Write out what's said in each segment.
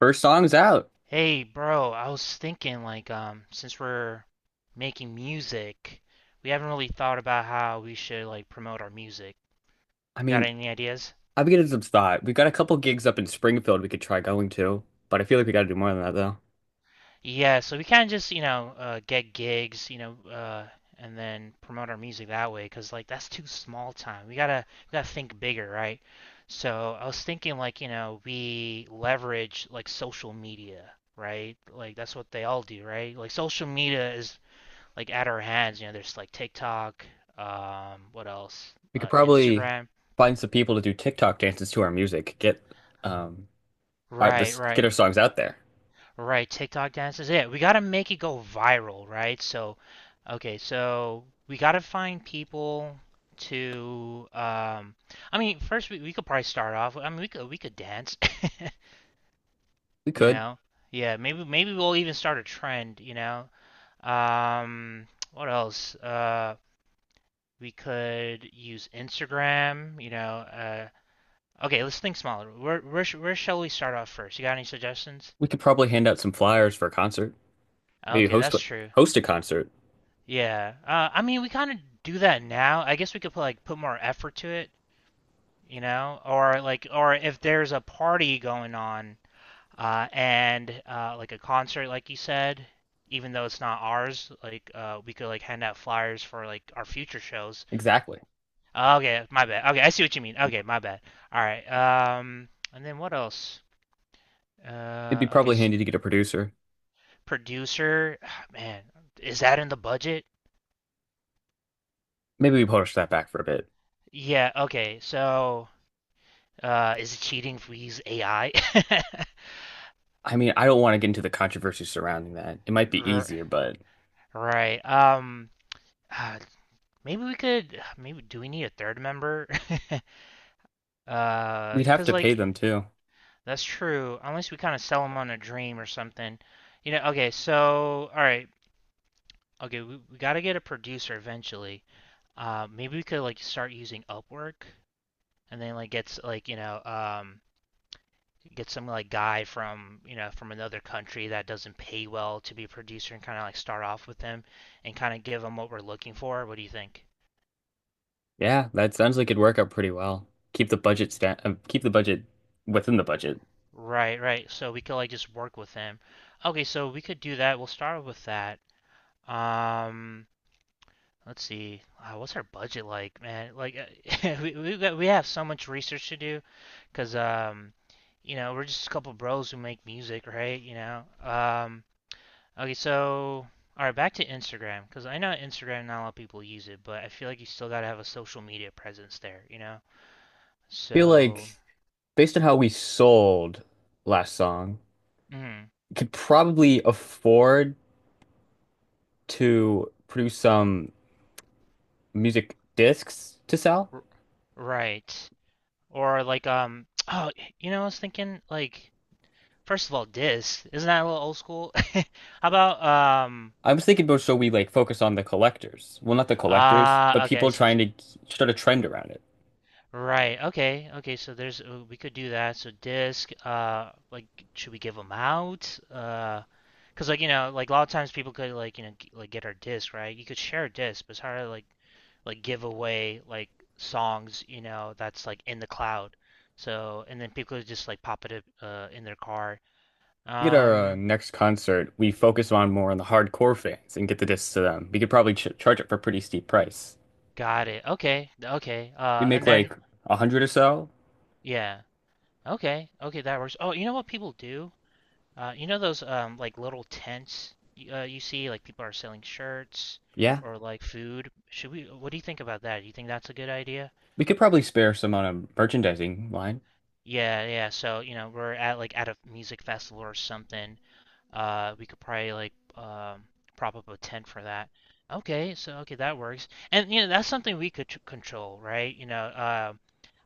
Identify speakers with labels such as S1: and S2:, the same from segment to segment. S1: First song's out.
S2: Hey, bro, I was thinking like since we're making music, we haven't really thought about how we should like promote our music.
S1: I
S2: Got
S1: mean,
S2: any ideas?
S1: I've been getting some thought. We've got a couple gigs up in Springfield we could try going to, but I feel like we gotta do more than that though.
S2: Yeah, so we can just, you know, get gigs, you know, and then promote our music that way 'cause like that's too small time. We gotta think bigger, right? So I was thinking like, you know, we leverage like social media, right? Like that's what they all do, right? Like social media is like at our hands. You know, there's like TikTok, what else?
S1: We could probably
S2: Instagram.
S1: find some people to do TikTok dances to our music. Get um our,
S2: Right,
S1: this get
S2: right,
S1: our songs out there.
S2: right. TikTok dances. Yeah, we gotta make it go viral, right? So, okay, so we gotta find people to. I mean, first we could probably start off. I mean, we could dance.
S1: We
S2: you
S1: could.
S2: know. Yeah, maybe we'll even start a trend. You know. Um, what else? We could use Instagram. You know. Okay, let's think smaller. Where shall we start off first? You got any suggestions?
S1: We could probably hand out some flyers for a concert. Maybe
S2: Okay, that's true.
S1: host a concert.
S2: Yeah. I mean, we kind of do that now. I guess we could put like put more effort to it, you know, or like or if there's a party going on and like a concert, like you said, even though it's not ours, like we could like hand out flyers for like our future shows.
S1: Exactly.
S2: Okay, my bad. Okay, I see what you mean. Okay, my bad. All right. And then what else?
S1: It'd be
S2: Okay.
S1: probably
S2: s
S1: handy to get a producer.
S2: Producer, ah, man, is that in the budget?
S1: Maybe we push that back for a bit.
S2: Yeah, okay. So, is it cheating if we use AI?
S1: I mean, I don't want to get into the controversy surrounding that. It might be easier, but
S2: right. Ah, maybe we could. Maybe do we need a third member?
S1: we'd have
S2: Cause
S1: to pay
S2: like
S1: them too.
S2: that's true. Unless we kind of sell them on a dream or something. You know. Okay. So, all right. Okay, we gotta get a producer eventually. Maybe we could like start using Upwork and then like gets like get some like guy from you know from another country that doesn't pay well to be a producer and kind of like start off with them and kind of give them what we're looking for. What do you think?
S1: Yeah, that sounds like it'd work out pretty well. Keep the budget sta keep the budget within the budget.
S2: Right, right. So we could like just work with them. Okay, so we could do that. We'll start with that. Um, let's see. What's our budget like, man? Like we have so much research to do because you know, we're just a couple bros who make music, right? You know. Okay, so all right, back to Instagram because I know Instagram not a lot of people use it, but I feel like you still gotta have a social media presence there, you know?
S1: Feel like
S2: So,
S1: based on how we sold last song,
S2: mm,
S1: you could probably afford to produce some music discs to sell.
S2: r right, or like oh, you know, I was thinking like first of all, Disk isn't that a little old school? How about
S1: I was thinking about so we like focus on the collectors. Well, not the collectors, but
S2: ah, okay, I
S1: people
S2: see what
S1: trying
S2: you.
S1: to start a trend around it.
S2: Right. Okay. Okay. So there's we could do that. So disc. Like, should we give them out? Because like you know, like a lot of times people could like you know like get our disc, right? You could share a disc, but it's hard to like give away like songs, you know, that's like in the cloud. So and then people could just like pop it up, in their car.
S1: Get our
S2: Um,
S1: next concert, we focus on more on the hardcore fans and get the discs to them. We could probably ch charge it for a pretty steep price.
S2: got it. Okay. Okay.
S1: We make
S2: And then
S1: like a hundred or so.
S2: yeah. Okay. Okay, that works. Oh, you know what people do? You know those like little tents you see like people are selling shirts
S1: Yeah,
S2: or like food. Should we? What do you think about that? Do you think that's a good idea?
S1: we could probably spare some on a merchandising line.
S2: Yeah, yeah. So you know we're at like at a music festival or something. We could probably like prop up a tent for that. Okay, so okay that works. And you know that's something we could control, right? You know,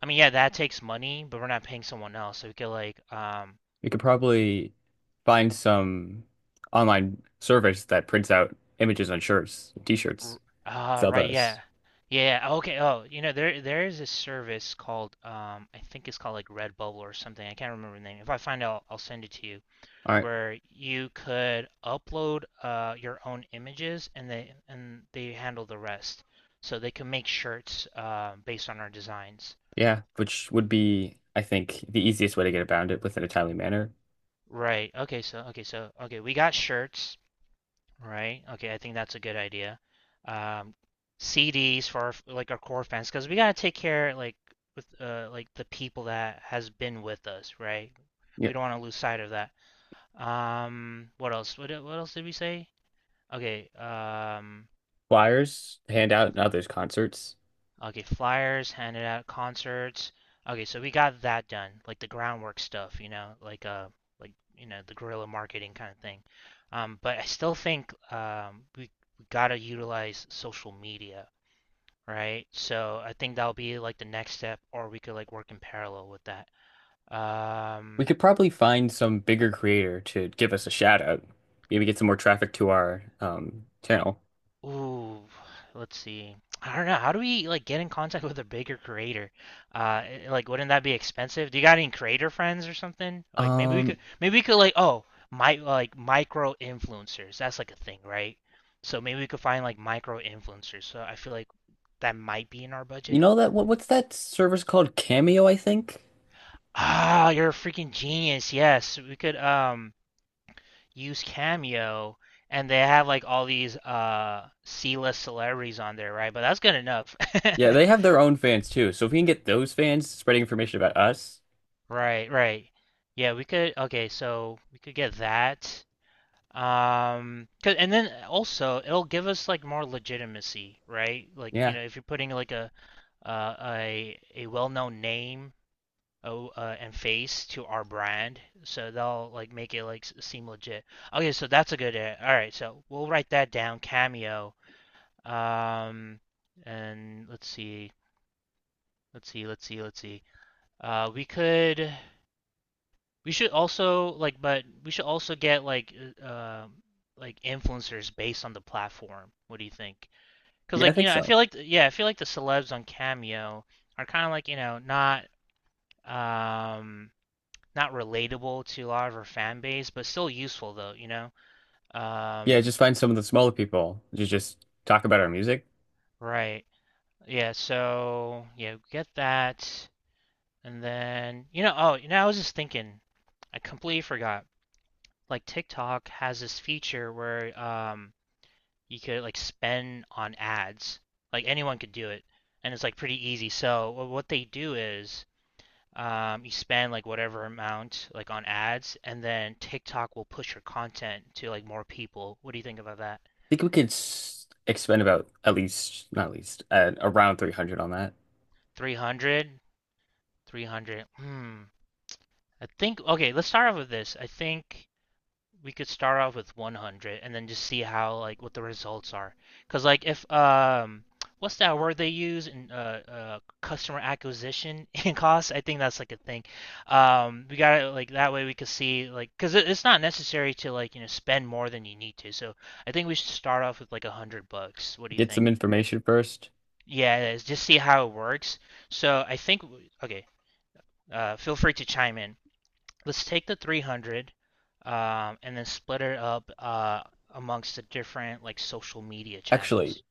S2: I mean yeah that takes money, but we're not paying someone else, so we could like
S1: We could probably find some online service that prints out images on shirts, t-shirts,
S2: R- Ah,
S1: sell
S2: right,
S1: those.
S2: yeah. Yeah, yeah, okay. Oh, you know, there is a service called I think it's called like Redbubble or something. I can't remember the name. If I find out, I'll send it to you,
S1: All right.
S2: where you could upload your own images and they handle the rest. So they can make shirts based on our designs.
S1: Yeah, which would be, I think, the easiest way to get around it within a timely manner.
S2: Right. Okay, we got shirts. Right. Okay, I think that's a good idea. Um, CDs for our, like our core fans because we gotta take care like with like the people that has been with us, right? We
S1: Yep.
S2: don't want to lose sight of that. What else? What else did we say? Okay.
S1: Flyers, hand out in others' concerts.
S2: Okay, flyers handed out concerts. Okay, so we got that done, like the groundwork stuff, you know, like like you know the guerrilla marketing kind of thing. But I still think we gotta utilize social media right? So I think that'll be like the next step, or we could like work in parallel with that.
S1: We
S2: Um,
S1: could probably find some bigger creator to give us a shout out. Maybe get some more traffic to our channel.
S2: ooh, let's see. I don't know. How do we like get in contact with a bigger creator? Uh, like, wouldn't that be expensive? Do you got any creator friends or something? Like,
S1: Um,
S2: maybe we could like, oh, my like micro influencers. That's like a thing, right? So maybe we could find like micro influencers. So I feel like that might be in our
S1: you
S2: budget.
S1: know what's that service called? Cameo, I think.
S2: Ah, you're a freaking genius. Yes, we could. Use Cameo, and they have like all these C-list celebrities on there, right? But that's good enough.
S1: Yeah, they have their own fans too. So if we can get those fans spreading information about us,
S2: Right, right. Yeah, we could okay, so we could get that. 'Cause and then also it'll give us like more legitimacy, right? Like, you
S1: yeah.
S2: know, if you're putting like a well-known name oh, and face to our brand, so they'll like make it like seem legit. Okay, so that's a good all right, so we'll write that down, Cameo. Um, and let's see. Uh, we could, we should also like, but we should also get uh, uh, like influencers based on the platform. What do you think? Because
S1: Yeah, I
S2: like, you
S1: think
S2: know,
S1: so.
S2: I feel like the celebs on Cameo are kind of like, you know, um, not relatable to a lot of our fan base, but still useful though, you know?
S1: Yeah,
S2: Um,
S1: just find some of the smaller people to just talk about our music.
S2: right. Yeah, so yeah, get that. And then, you know, oh, you know, I was just thinking, I completely forgot. Like TikTok has this feature where you could like spend on ads. Like anyone could do it, and it's like pretty easy. So what they do is you spend like whatever amount like on ads, and then TikTok will push your content to like more people. What do you think about that?
S1: I think we could s expend about at least, not least, around 300 on that.
S2: 300? 300. Hmm. I think okay, let's start off with this. I think we could start off with 100 and then just see how like what the results are. Cause like if what's that word they use in customer acquisition and costs? I think that's like a thing. We gotta like that way we could see like because it's not necessary to like you know spend more than you need to. So I think we should start off with like $100. What do you
S1: Get some
S2: think?
S1: information first.
S2: Yeah, it is. Just see how it works. So I think okay. Feel free to chime in let's take the 300 and then split it up amongst the different like social media
S1: Actually,
S2: channels.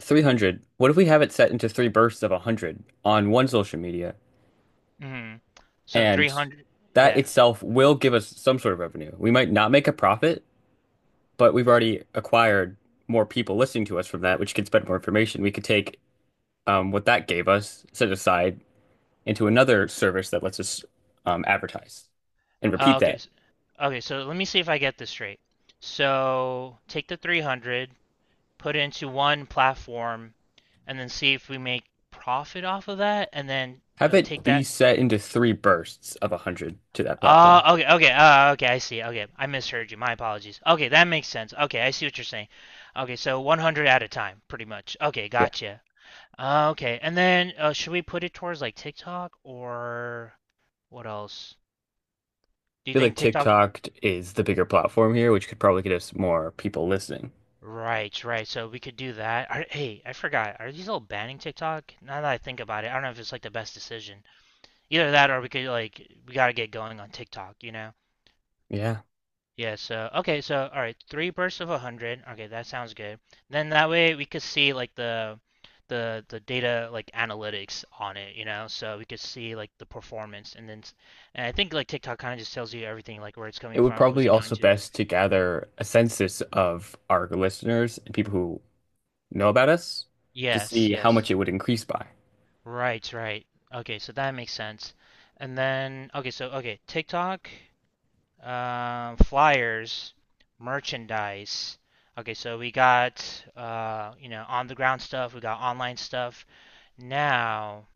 S1: 300, what if we have it set into three bursts of 100 on one social media?
S2: Hmm. So
S1: And
S2: 300,
S1: that
S2: yeah.
S1: itself will give us some sort of revenue. We might not make a profit, but we've already acquired more people listening to us from that, which can spread more information. We could take what that gave us, set aside, into another service that lets us advertise and
S2: Uh,
S1: repeat
S2: okay,
S1: that.
S2: s- okay. So let me see if I get this straight. So take the 300, put it into one platform, and then see if we make profit off of that, and then
S1: Have it
S2: take
S1: be
S2: that
S1: set into three bursts of 100 to that
S2: Oh,
S1: platform.
S2: okay, I see. Okay, I misheard you. My apologies. Okay, that makes sense. Okay, I see what you're saying. Okay, so 100 at a time, pretty much. Okay,
S1: Yeah. I
S2: gotcha. Okay, and then should we put it towards like TikTok or what else? Do you
S1: feel
S2: think
S1: like
S2: TikTok?
S1: TikTok is the bigger platform here, which could probably get us more people listening.
S2: Right, right. So we could do that. Are, hey, I forgot. Are these all banning TikTok? Now that I think about it, I don't know if it's like the best decision. Either that or we could like we gotta get going on TikTok, you know?
S1: Yeah.
S2: Yeah, so okay, so all right, three bursts of 100. Okay, that sounds good. Then that way we could see like the data like analytics on it, you know, so we could see like the performance and then and I think like TikTok kind of just tells you everything like where it's
S1: It
S2: coming
S1: would
S2: from,
S1: probably
S2: who's it going
S1: also
S2: to.
S1: best to gather a census of our listeners and people who know about us to
S2: Yes,
S1: see how
S2: yes.
S1: much it would increase by.
S2: Right, right. Okay, so that makes sense. And then okay, so okay, TikTok flyers, merchandise. Okay, so we got you know on the ground stuff, we got online stuff. Now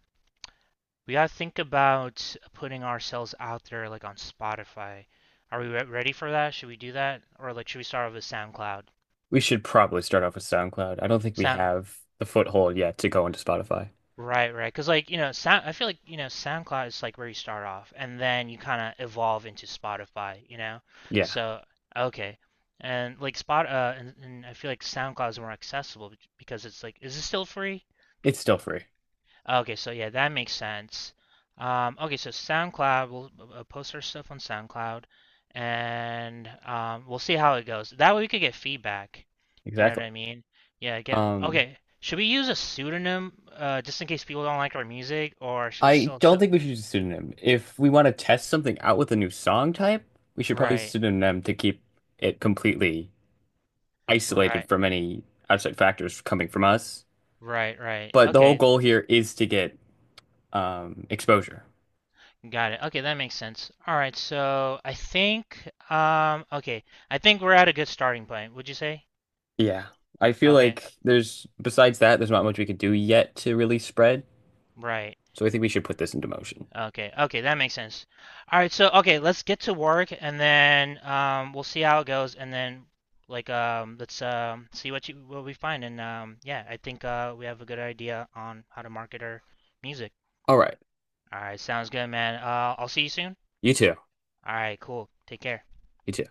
S2: we gotta think about putting ourselves out there like on Spotify. Are we ready for that? Should we do that, or like should we start with SoundCloud?
S1: We should probably start off with SoundCloud. I don't think we
S2: Sound
S1: have the foothold yet to go into Spotify.
S2: Right, right. Because like you know, sound, I feel like you know SoundCloud is like where you start off, and then you kind of evolve into Spotify. You know,
S1: Yeah,
S2: so okay, and like Spot, and I feel like SoundCloud is more accessible because it's like, is it still free?
S1: it's still free.
S2: Okay, so yeah, that makes sense. Okay, so SoundCloud, we'll post our stuff on SoundCloud, and we'll see how it goes. That way we could get feedback. You know what
S1: Exactly.
S2: I mean? Yeah, get
S1: Um,
S2: okay. Should we use a pseudonym just in case people don't like our music, or should we
S1: I don't
S2: still
S1: think we should use a pseudonym. If we want to test something out with a new song type, we should probably use a
S2: right,
S1: pseudonym to keep it completely isolated
S2: right,
S1: from any outside factors coming from us.
S2: right, right.
S1: But the whole
S2: Okay,
S1: goal here is to get exposure.
S2: got it. Okay, that makes sense. All right, so I think okay, I think we're at a good starting point. Would you say?
S1: Yeah. I feel
S2: Okay,
S1: like besides that, there's not much we can do yet to really spread.
S2: right.
S1: So I think we should put this into motion.
S2: Okay, okay, that makes sense. All right, so okay, let's get to work and then we'll see how it goes and then like let's see what we find and yeah, I think we have a good idea on how to market our music.
S1: All right.
S2: All right, sounds good, man. I'll see you soon.
S1: You too.
S2: All right, cool. Take care.
S1: You too.